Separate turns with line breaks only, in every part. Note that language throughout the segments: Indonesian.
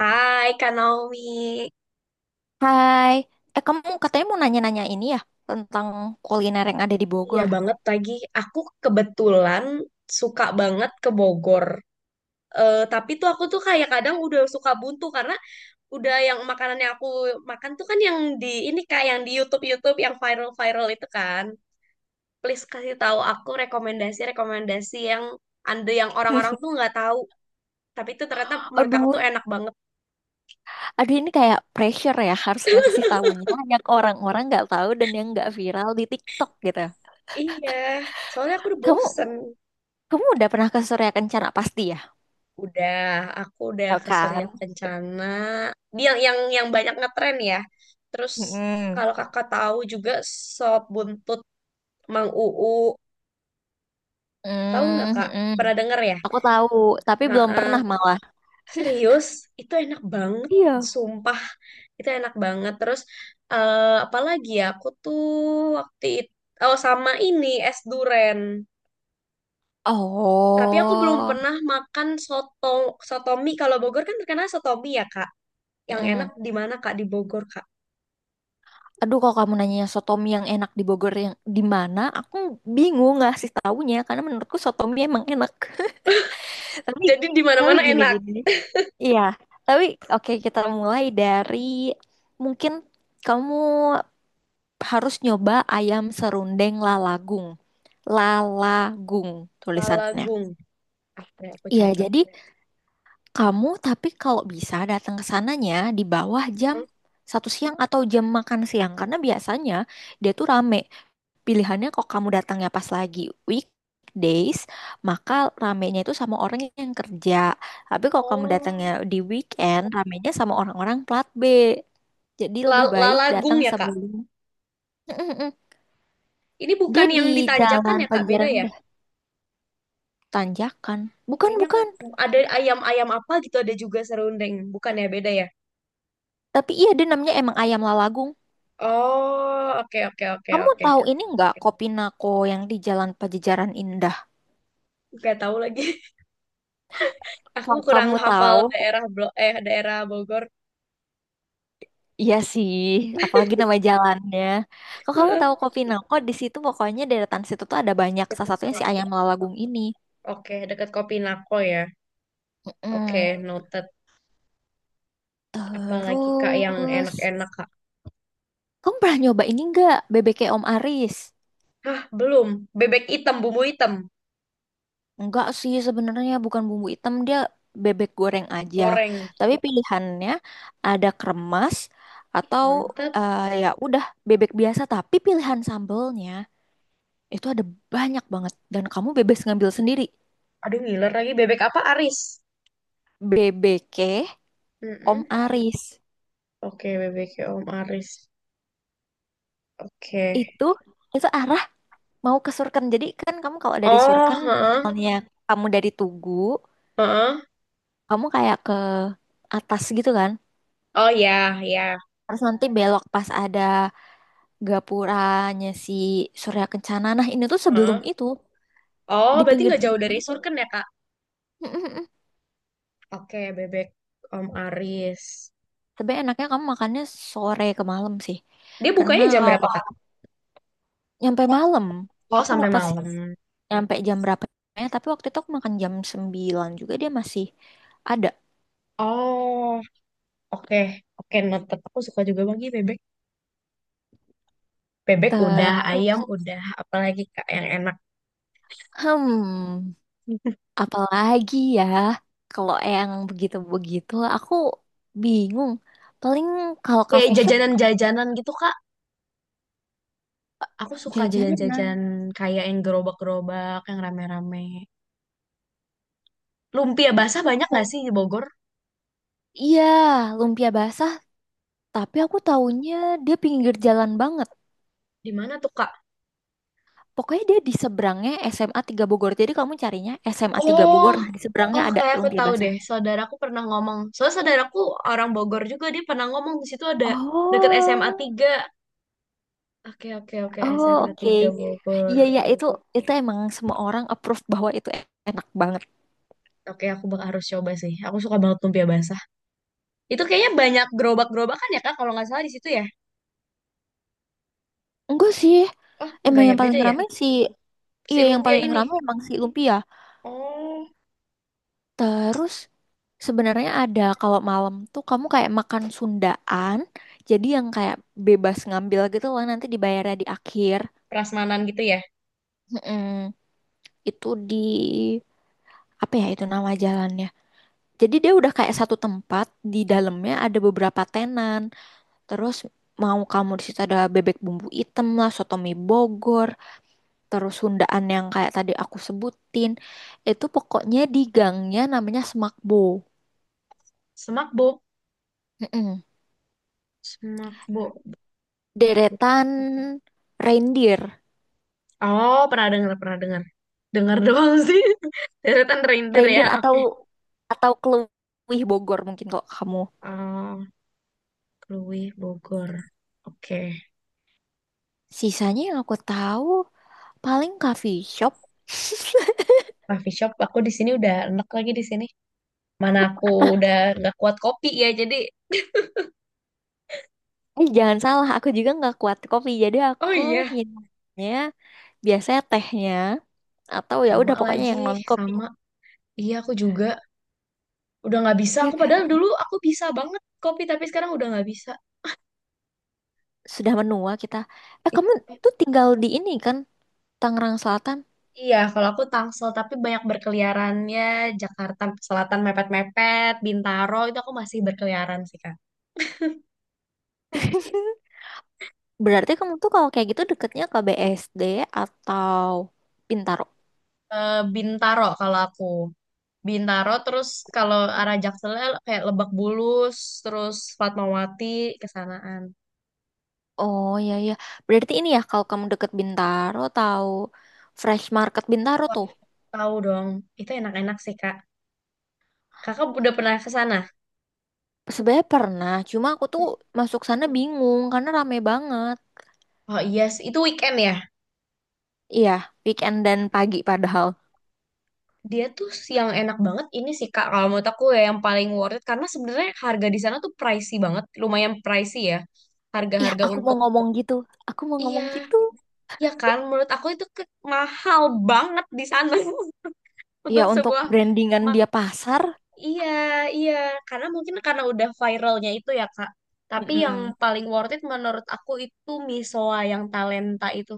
Hai Kak Naomi,
Hai, eh kamu katanya mau nanya-nanya ini ya tentang kuliner yang ada di
iya
Bogor.
banget lagi. Aku kebetulan suka banget ke Bogor. Tapi tuh aku tuh kayak kadang udah suka buntu karena udah yang makanan yang aku makan tuh kan yang di ini kak yang di YouTube-YouTube yang viral-viral itu kan. Please kasih tahu aku rekomendasi-rekomendasi yang anda yang orang-orang tuh nggak tahu. Tapi itu ternyata mereka
Aduh,
tuh enak banget.
aduh ini kayak pressure ya harus ngasih tahunya banyak orang-orang nggak tahu dan yang nggak viral di TikTok gitu.
Iya, soalnya aku udah
Kamu
bosen.
kamu udah pernah ke Surya Kencana pasti ya?
Udah, aku udah
Tahu
ke Surya
kan?
Kencana. Dia yang banyak ngetren ya. Terus
Mm-mm.
kalau kakak tahu juga sop buntut Mang Uu, tahu nggak
Mm,
kak?
mm-mm.
Pernah denger ya?
Aku tahu, tapi belum pernah
Heeh.
malah.
Serius, itu enak banget,
Iya.
sumpah. Itu enak banget. Terus apalagi ya? Aku tuh waktu itu oh sama ini es duren. Tapi aku belum
Oh.
pernah makan sotomi. Kalau Bogor kan terkenal sotomi ya, Kak. Yang
Mm.
enak di mana, Kak? Di Bogor, Kak.
Aduh, kalau kamu nanya sotomi yang enak di Bogor yang di mana, aku bingung ngasih taunya karena menurutku sotomi emang enak. Tapi
Jadi di
tapi
mana-mana enak.
gini-gini. Iya, tapi oke kita mulai dari mungkin kamu harus nyoba ayam serundeng lalagung. Lalagung tulisannya.
Lalagung. Apa ya, aku
Iya,
catat.
jadi kamu tapi kalau bisa datang ke sananya di bawah jam satu siang atau jam makan siang karena biasanya dia tuh rame. Pilihannya kok kamu datangnya pas lagi weekdays, maka ramenya itu sama orang yang kerja. Tapi kalau kamu datangnya
Oh,
di weekend, ramenya sama orang-orang plat B. Jadi lebih baik
lalagung
datang
ya, Kak.
sebelum. Mm-mm-mm.
Ini
Dia
bukan
di
yang ditanjakan
Jalan
ya, Kak. Beda
Pajajaran
ya?
udah tanjakan. Bukan,
Kayaknya aku
bukan.
ada ayam-ayam apa gitu ada juga serundeng. Bukan ya, beda ya?
Tapi iya dia namanya emang Ayam Lalagung.
Oh, oke oke oke
Kamu
oke.
tahu ini nggak Kopi Nako yang di Jalan Pajajaran Indah?
Gak tahu lagi. Aku
Kalau
kurang
kamu
hafal
tahu,
daerah Blo eh daerah Bogor.
iya sih, apalagi nama jalannya. Kalau kamu
Eh,
tahu Kopi Nangko, di situ pokoknya deretan situ tuh ada banyak. Salah
Dekat
satunya
Ko-
si ayam lalagung ini.
Oke, dekat Kopinako ya.
Mm-mm.
Oke, noted. Apalagi Kak yang
Terus,
enak-enak, Kak?
kamu pernah nyoba ini nggak bebeknya Om Aris?
Hah, belum. Bebek hitam, bumbu hitam,
Enggak sih sebenarnya bukan bumbu hitam dia bebek goreng aja.
goreng.
Tapi pilihannya ada kremes
Ih,
atau
Mantap.
eh, ya udah bebek biasa. Tapi pilihan sambelnya itu ada banyak banget dan kamu bebas ngambil sendiri.
Aduh, ngiler lagi. Bebek apa? Aris.
Bebek. Om
Mm-mm.
Aris
Oke, bebeknya Om Aris. Oke.
itu itu arah mau ke Surken. Jadi kan kamu kalau dari
Oh,
Surken
heeh,
misalnya kamu dari Tugu,
heeh.
kamu kayak ke atas gitu kan.
Oh ya, ya.
Terus nanti belok pas ada gapuranya si Surya Kencana. Nah, ini tuh sebelum
Heeh.
itu
Oh,
di
berarti
pinggir
nggak jauh
jalan
dari
itu.
Surken ya, Kak?
Mm-mm-mm.
Oke, bebek Om Aris.
Tapi enaknya kamu makannya sore ke malam sih.
Dia
Karena
bukanya jam berapa,
kalau
Kak?
nyampe malam,
Oh,
aku
sampai
lupa sih
malam.
nyampe jam berapa. Tapi waktu itu aku makan jam 9 juga dia masih ada.
Oh, oke. Oke, noted. Aku suka juga bagi bebek. Bebek udah, ayam
Terus
udah, apalagi Kak yang enak.
Hmm, apalagi ya kalau yang begitu-begitu aku bingung. Paling kalau
Kayak
coffee shop kamu
jajanan-jajanan gitu, Kak. Aku suka
jajanan.
jajan-jajan kayak yang gerobak-gerobak, yang rame-rame. Lumpia basah banyak nggak
Oh
sih di Bogor?
iya, lumpia basah, tapi aku taunya dia pinggir jalan banget.
Di mana tuh, Kak?
Pokoknya dia di seberangnya SMA 3 Bogor. Jadi kamu carinya SMA 3
Oh,
Bogor. Nah, di seberangnya
oh
ada
kayak aku
lumpia
tahu
basah.
deh. Saudaraku pernah ngomong. Soalnya saudaraku orang Bogor juga, dia pernah ngomong di situ ada deket SMA
Oh,
3 Oke, oke, oke,
oh
SMA
oke.
tiga Bogor.
Iya, iya itu emang semua orang approve bahwa itu enak banget.
Oke, aku bak harus coba sih. Aku suka banget lumpia basah. Itu kayaknya banyak gerobak-gerobakan ya, Kak, kalau nggak salah di situ ya.
Enggak sih.
Oh, nggak
Emang
ya,
yang
beda
paling
ya.
ramai sih.
Si
Iya, yang
lumpia
paling
ini.
ramai emang si lumpia.
Oh,
Terus sebenarnya ada kalau malam tuh kamu kayak makan Sundaan, jadi yang kayak bebas ngambil gitu loh nanti dibayarnya di akhir.
prasmanan gitu ya.
Mm-mm. Itu di apa ya itu nama jalannya. Jadi dia udah kayak satu tempat di dalamnya ada beberapa tenan. Terus mau kamu di situ ada bebek bumbu item lah, soto mie Bogor, terus Sundaan yang kayak tadi aku sebutin. Itu pokoknya di gangnya namanya Semakbo.
Semak
Mm-mm.
Smakbo. Oke.
Deretan reindeer,
Oh, pernah dengar, pernah dengar. Dengar doang sih. Deretan reindeer ya.
reindeer atau
Oke.
atau keluih Bogor mungkin kok kamu.
Oh, Krui Bogor. Oke.
Sisanya yang aku tahu paling coffee shop.
Coffee shop aku di sini udah enak lagi di sini. Mana aku udah nggak kuat kopi ya. Jadi,
Eh jangan salah, aku juga nggak kuat kopi, jadi
oh
aku
iya,
minumnya biasanya tehnya atau ya
sama
udah pokoknya
lagi,
yang non kopi.
sama. Iya, aku juga udah nggak bisa.
Ya
Aku
kan?
padahal dulu aku bisa banget kopi, tapi sekarang udah nggak bisa.
Sudah menua kita. Eh kamu tuh tinggal di ini kan Tangerang Selatan.
Iya, kalau aku Tangsel tapi banyak berkeliarannya Jakarta Selatan mepet-mepet, Bintaro itu aku masih berkeliaran sih Kak.
Berarti kamu tuh kalau kayak gitu deketnya ke BSD atau Pintar.
Bintaro kalau aku. Bintaro terus kalau arah Jakselnya kayak Lebak Bulus, terus Fatmawati kesanaan.
Oh, ya ya. Berarti ini ya kalau kamu deket Bintaro tahu Fresh Market Bintaro
Wah,
tuh.
tahu dong. Itu enak-enak sih Kak. Kakak udah pernah ke sana?
Sebenarnya pernah, cuma aku tuh masuk sana bingung karena rame banget.
Oh iya, sih. Itu weekend ya?
Iya, weekend dan pagi padahal.
Dia tuh yang enak banget ini sih Kak, kalau menurut aku ya yang paling worth it karena sebenarnya harga di sana tuh pricey banget, lumayan pricey ya.
Iya,
Harga-harga
aku mau
untuk
ngomong gitu. Aku mau ngomong
iya,
gitu.
ya kan menurut aku itu mahal banget di sana
Iya,
untuk
untuk
sebuah
brandingan
mak
dia pasar.
iya, iya, karena mungkin karena udah viralnya itu ya Kak. Tapi yang
Mm-mm.
paling worth it menurut aku itu misoa yang talenta itu.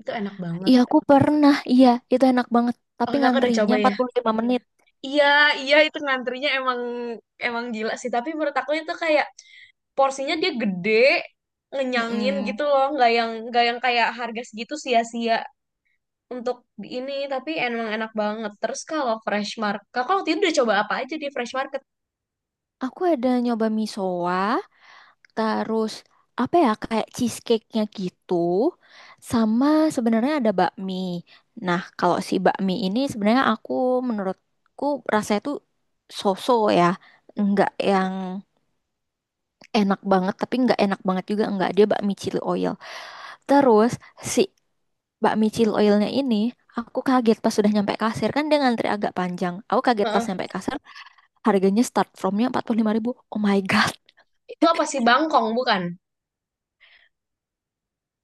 Itu enak banget.
Iya, aku pernah. Iya, itu enak banget.
Oh,
Tapi
Kakak udah
ngantrinya
coba ya?
45 menit.
Iya, iya itu ngantrinya emang emang gila sih, tapi menurut aku itu kayak porsinya dia gede, ngenyangin
Mm-mm.
gitu loh, nggak yang kayak harga segitu sia-sia untuk di ini, tapi emang enak banget. Terus kalau fresh market, kakak waktu itu udah coba apa aja di fresh market?
Aku ada nyoba misoa, terus apa ya kayak cheesecake-nya gitu. Sama sebenarnya ada bakmi. Nah, kalau si bakmi ini sebenarnya aku menurutku rasanya tuh so-so ya. Enggak yang enak banget tapi enggak enak banget juga enggak dia bakmi chili oil. Terus si bakmi chili oilnya ini aku kaget pas sudah nyampe kasir kan dia ngantri agak panjang. Aku kaget pas
Heeh.
nyampe kasir harganya start from-nya 45 ribu. Oh my God.
Itu apa sih bangkong bukan?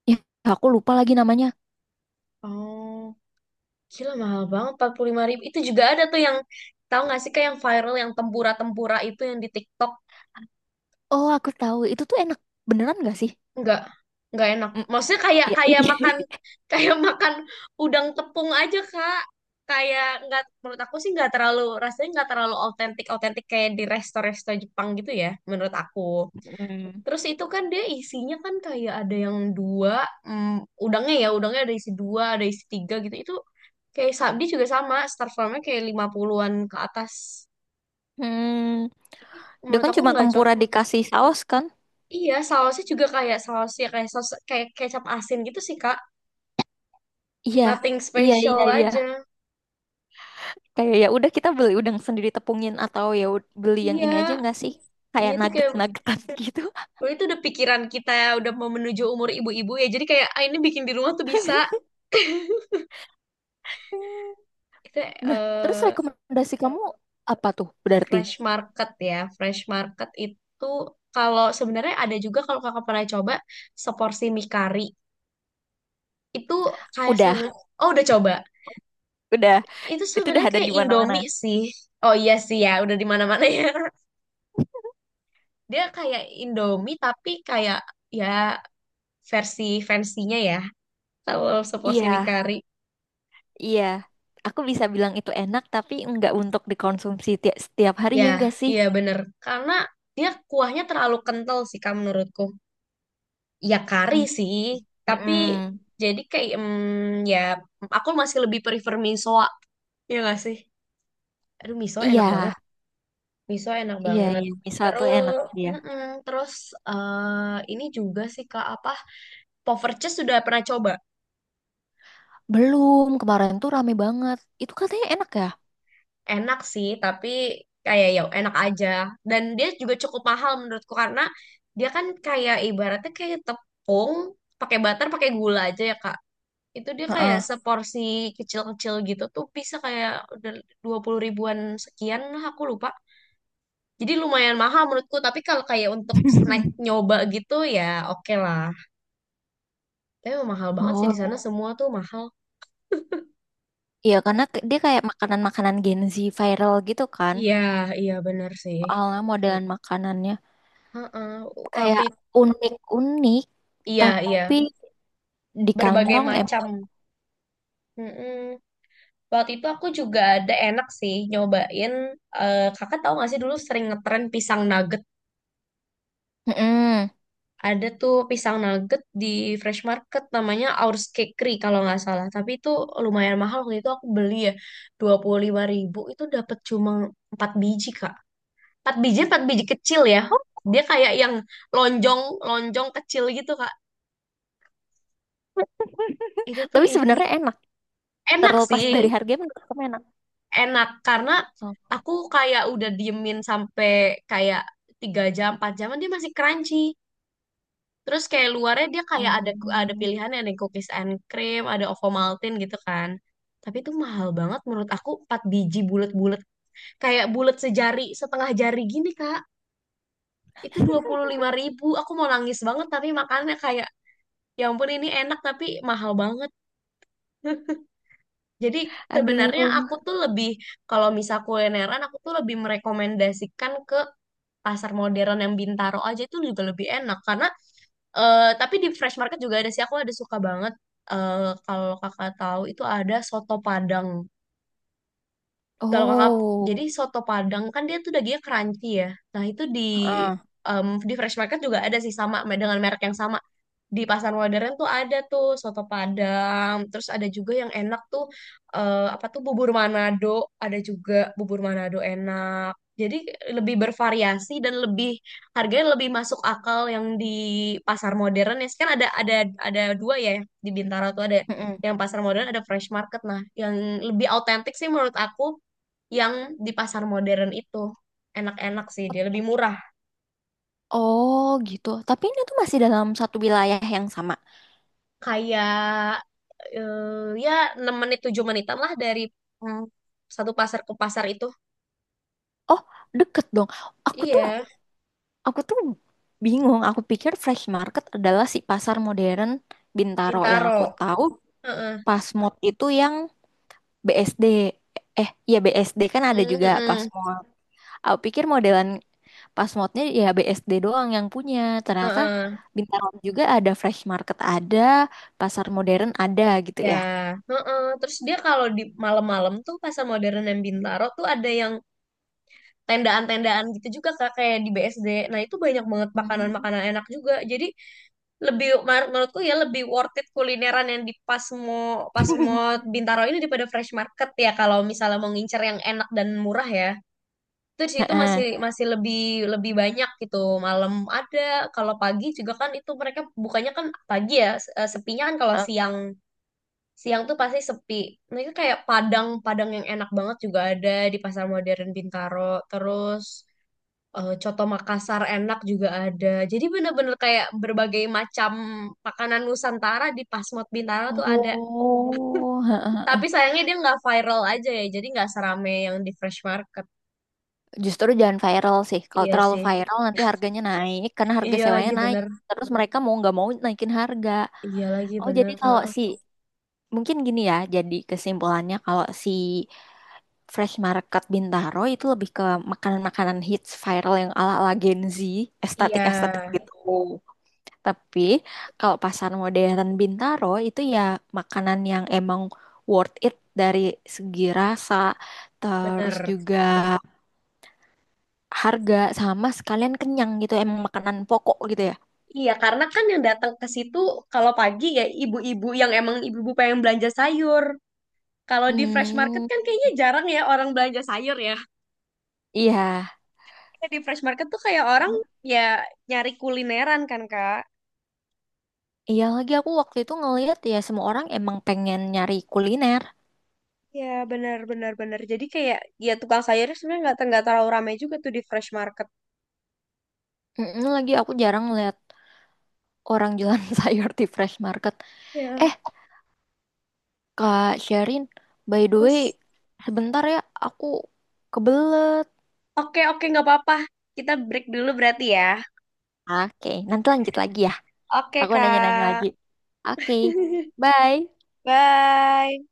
Ya, aku lupa lagi namanya.
Oh, gila mahal banget 45.000. Itu juga ada tuh yang tahu nggak sih kayak yang viral yang tempura-tempura itu yang di TikTok.
Oh, aku tahu. Itu tuh enak. Beneran gak sih?
nggak nggak enak
Mm,
maksudnya kayak
iya,
kayak makan
iya.
kayak makan udang tepung aja kak kayak nggak menurut aku sih nggak terlalu rasanya nggak terlalu autentik autentik kayak di resto-resto Jepang gitu ya menurut aku
Hmm.
terus itu kan dia isinya kan kayak ada yang dua mm, udangnya ya udangnya ada isi dua ada isi tiga gitu itu kayak sabdi juga sama star farmnya kayak 50-an ke atas
Hmm.
jadi
Dia
menurut
kan
aku
cuma
nggak cocok
tempura dikasih saus kan?
iya sausnya juga kayak sausnya kayak saus kayak kecap asin gitu sih kak
Iya.
nothing
Iya, iya,
special
iya.
aja.
Kayak ya udah kita beli udang sendiri tepungin atau beli yang
Iya,
ini aja nggak sih? Kayak
iya tuh kayak
nugget-nuggetan gitu.
dulu itu udah pikiran kita ya, udah mau menuju umur ibu-ibu ya. Jadi kayak ah, ini bikin di rumah tuh bisa. Kita
Nah, terus
eh,
rekomendasi kamu apa tuh? Berarti
fresh market ya. Fresh market itu kalau sebenarnya ada juga kalau kakak pernah coba seporsi mie kari. Itu kayak
udah,
sebenarnya oh udah coba.
udah.
Itu
Itu udah
sebenarnya
ada di
kayak
mana-mana.
Indomie sih. Oh iya sih ya, udah di mana-mana ya. Dia kayak Indomie tapi kayak ya versi fancy-nya ya. Kalau seporsi mie
Iya,
kari.
iya. Aku bisa bilang itu enak tapi nggak untuk dikonsumsi setiap hari ya nggak
Ya,
sih?
iya bener. Karena dia kuahnya terlalu kental sih Kak menurutku. Ya kari
Mm,
sih, tapi
mm-mm.
jadi kayak mm, ya aku masih lebih prefer misoa. Iya gak sih? Aduh miso
Iya,
enak banget. Miso enak
iya,
banget.
iya. Misal tuh enak
Terus,
dia.
mm-mm, terus ini juga sih Kak apa? Poverches sudah pernah coba?
Belum, kemarin tuh rame banget. Itu katanya enak ya?
Enak sih tapi kayak ya enak aja dan dia juga cukup mahal menurutku karena dia kan kayak ibaratnya kayak tepung pakai butter pakai gula aja ya Kak itu dia kayak
Heeh.
seporsi kecil-kecil gitu tuh bisa kayak udah 20.000-an sekian lah aku lupa jadi lumayan mahal menurutku tapi kalau kayak untuk snack nyoba gitu ya oke lah tapi emang mahal banget sih di
Oh,
sana semua tuh mahal
iya karena dia kayak makanan-makanan Gen Z viral gitu kan.
iya iya bener sih.
Soalnya modelan makanannya
Heeh, Waktu
kayak
itu,
unik-unik
iya
tapi
iya
di
berbagai
kantong em.
macam. Mm-mm. Waktu itu aku juga ada enak sih nyobain. Kakak tahu nggak sih dulu sering ngetren pisang nugget.
Mm-mm.
Ada tuh pisang nugget di Fresh Market namanya Our Cakery kalau nggak salah. Tapi itu lumayan mahal waktu itu aku beli ya 25.000 itu dapat cuma 4 biji Kak. Empat biji 4 biji kecil ya. Dia kayak yang lonjong lonjong kecil gitu Kak. Itu tuh
Tapi
isi
sebenarnya enak.
enak
Terlepas dari
sih.
harga menurut kamu enak.
Enak karena
Oh.
aku kayak udah diemin sampai kayak tiga jam 4 jam dia masih crunchy terus kayak luarnya dia kayak ada
Mm.
pilihannya ada cookies and cream ada Ovomaltine gitu kan tapi itu mahal banget menurut aku 4 biji bulat-bulat kayak bulat sejari setengah jari gini kak itu 25.000 aku mau nangis banget tapi makannya kayak ya ampun ini enak tapi mahal banget. Jadi sebenarnya
Aduh.
aku tuh lebih kalau misal kulineran aku tuh lebih merekomendasikan pasar modern yang Bintaro aja itu juga lebih enak karena tapi di Fresh Market juga ada sih aku ada suka banget kalau kakak tahu itu ada soto Padang kalau kakak
Oh,
jadi soto Padang kan dia tuh dagingnya crunchy ya nah itu di
heeh.
di Fresh Market juga ada sih sama dengan merek yang sama di Pasar Modern tuh ada tuh soto Padang, terus ada juga yang enak tuh apa tuh bubur Manado, ada juga bubur Manado enak. Jadi lebih bervariasi dan lebih harganya lebih masuk akal yang di Pasar Modern ya. Kan ada dua ya di Bintaro tuh ada
Mm-mm.
yang Pasar Modern ada Fresh Market. Nah, yang lebih autentik sih menurut aku yang di Pasar Modern itu enak-enak sih dia lebih murah
Oh gitu. Tapi ini tuh masih dalam satu wilayah yang sama.
kayak eh, ya 6 menit 7 menitan lah dari mm, satu pasar ke pasar itu.
Oh, deket dong. Aku tuh
Iya,
aku tuh bingung. Aku pikir Fresh Market adalah si pasar modern Bintaro yang
Bintaro.
aku tahu.
Heeh.
Pasmod itu yang BSD. Eh, ya BSD kan ada
Mm,
juga
heeh.
Pasmod. Aku pikir modelan Pasmodnya ya BSD doang yang punya. Ternyata
Heeh.
Bintaro juga ada Fresh Market ada, pasar modern ada gitu
Ya,
ya.
heeh. Terus dia kalau di malam-malam tuh pasar modern dan Bintaro tuh ada yang tendaan-tendaan gitu juga Kak, kayak di BSD. Nah, itu banyak banget
Hmm.
makanan-makanan enak juga. Jadi lebih menurutku ya lebih worth it kulineran yang di Pasmo Pasmo Bintaro ini daripada Fresh Market ya kalau misalnya mau ngincer yang enak dan murah ya. Itu di situ masih
Heeh.
masih lebih lebih banyak gitu malam ada kalau pagi juga kan itu mereka bukannya kan pagi ya sepinya kan kalau siang siang tuh pasti sepi nah itu kayak padang padang yang enak banget juga ada di pasar modern Bintaro terus coto Makassar enak juga ada jadi bener-bener kayak berbagai macam makanan Nusantara di Pasmod Bintaro tuh ada
Oh, heeh,
tapi
heeh.
sayangnya dia nggak viral aja ya jadi nggak serame yang di Fresh Market
Justru jangan viral sih. Kalau
iya
terlalu
sih
viral nanti harganya naik karena harga
iya
sewanya
lagi
naik.
bener.
Terus mereka mau nggak mau naikin harga.
Iya lagi
Oh,
bener.
jadi kalau
Heeh.
si mungkin gini ya. Jadi kesimpulannya kalau si Fresh Market Bintaro itu lebih ke makanan-makanan hits viral yang ala-ala Gen Z,
Iya
estetik-estetik gitu. Tapi kalau pasar modern Bintaro itu ya makanan yang emang worth it dari segi rasa, terus
bener.
juga harga sama sekalian kenyang gitu emang makanan pokok gitu ya.
Iya, karena kan yang datang ke situ kalau pagi ya ibu-ibu yang emang ibu-ibu pengen belanja sayur. Kalau di fresh market
hmm
kan kayaknya jarang ya orang belanja sayur ya.
iya,
Kayak di fresh market tuh kayak orang ya nyari kulineran kan, Kak.
iya lagi aku waktu itu ngelihat ya semua orang emang pengen nyari kuliner.
Ya, benar benar benar. Jadi kayak ya tukang sayurnya sebenarnya nggak terlalu ramai juga tuh di fresh market.
Mm-mm, lagi aku jarang ngeliat orang jualan sayur di fresh market.
Ya,
Eh Kak Sherin by the way
terus
sebentar ya aku kebelet.
oke oke nggak apa-apa. Kita break dulu berarti ya.
Oke nanti lanjut lagi ya
Oke,
aku nanya-nanya
Kak.
lagi. Oke. Bye.
Bye.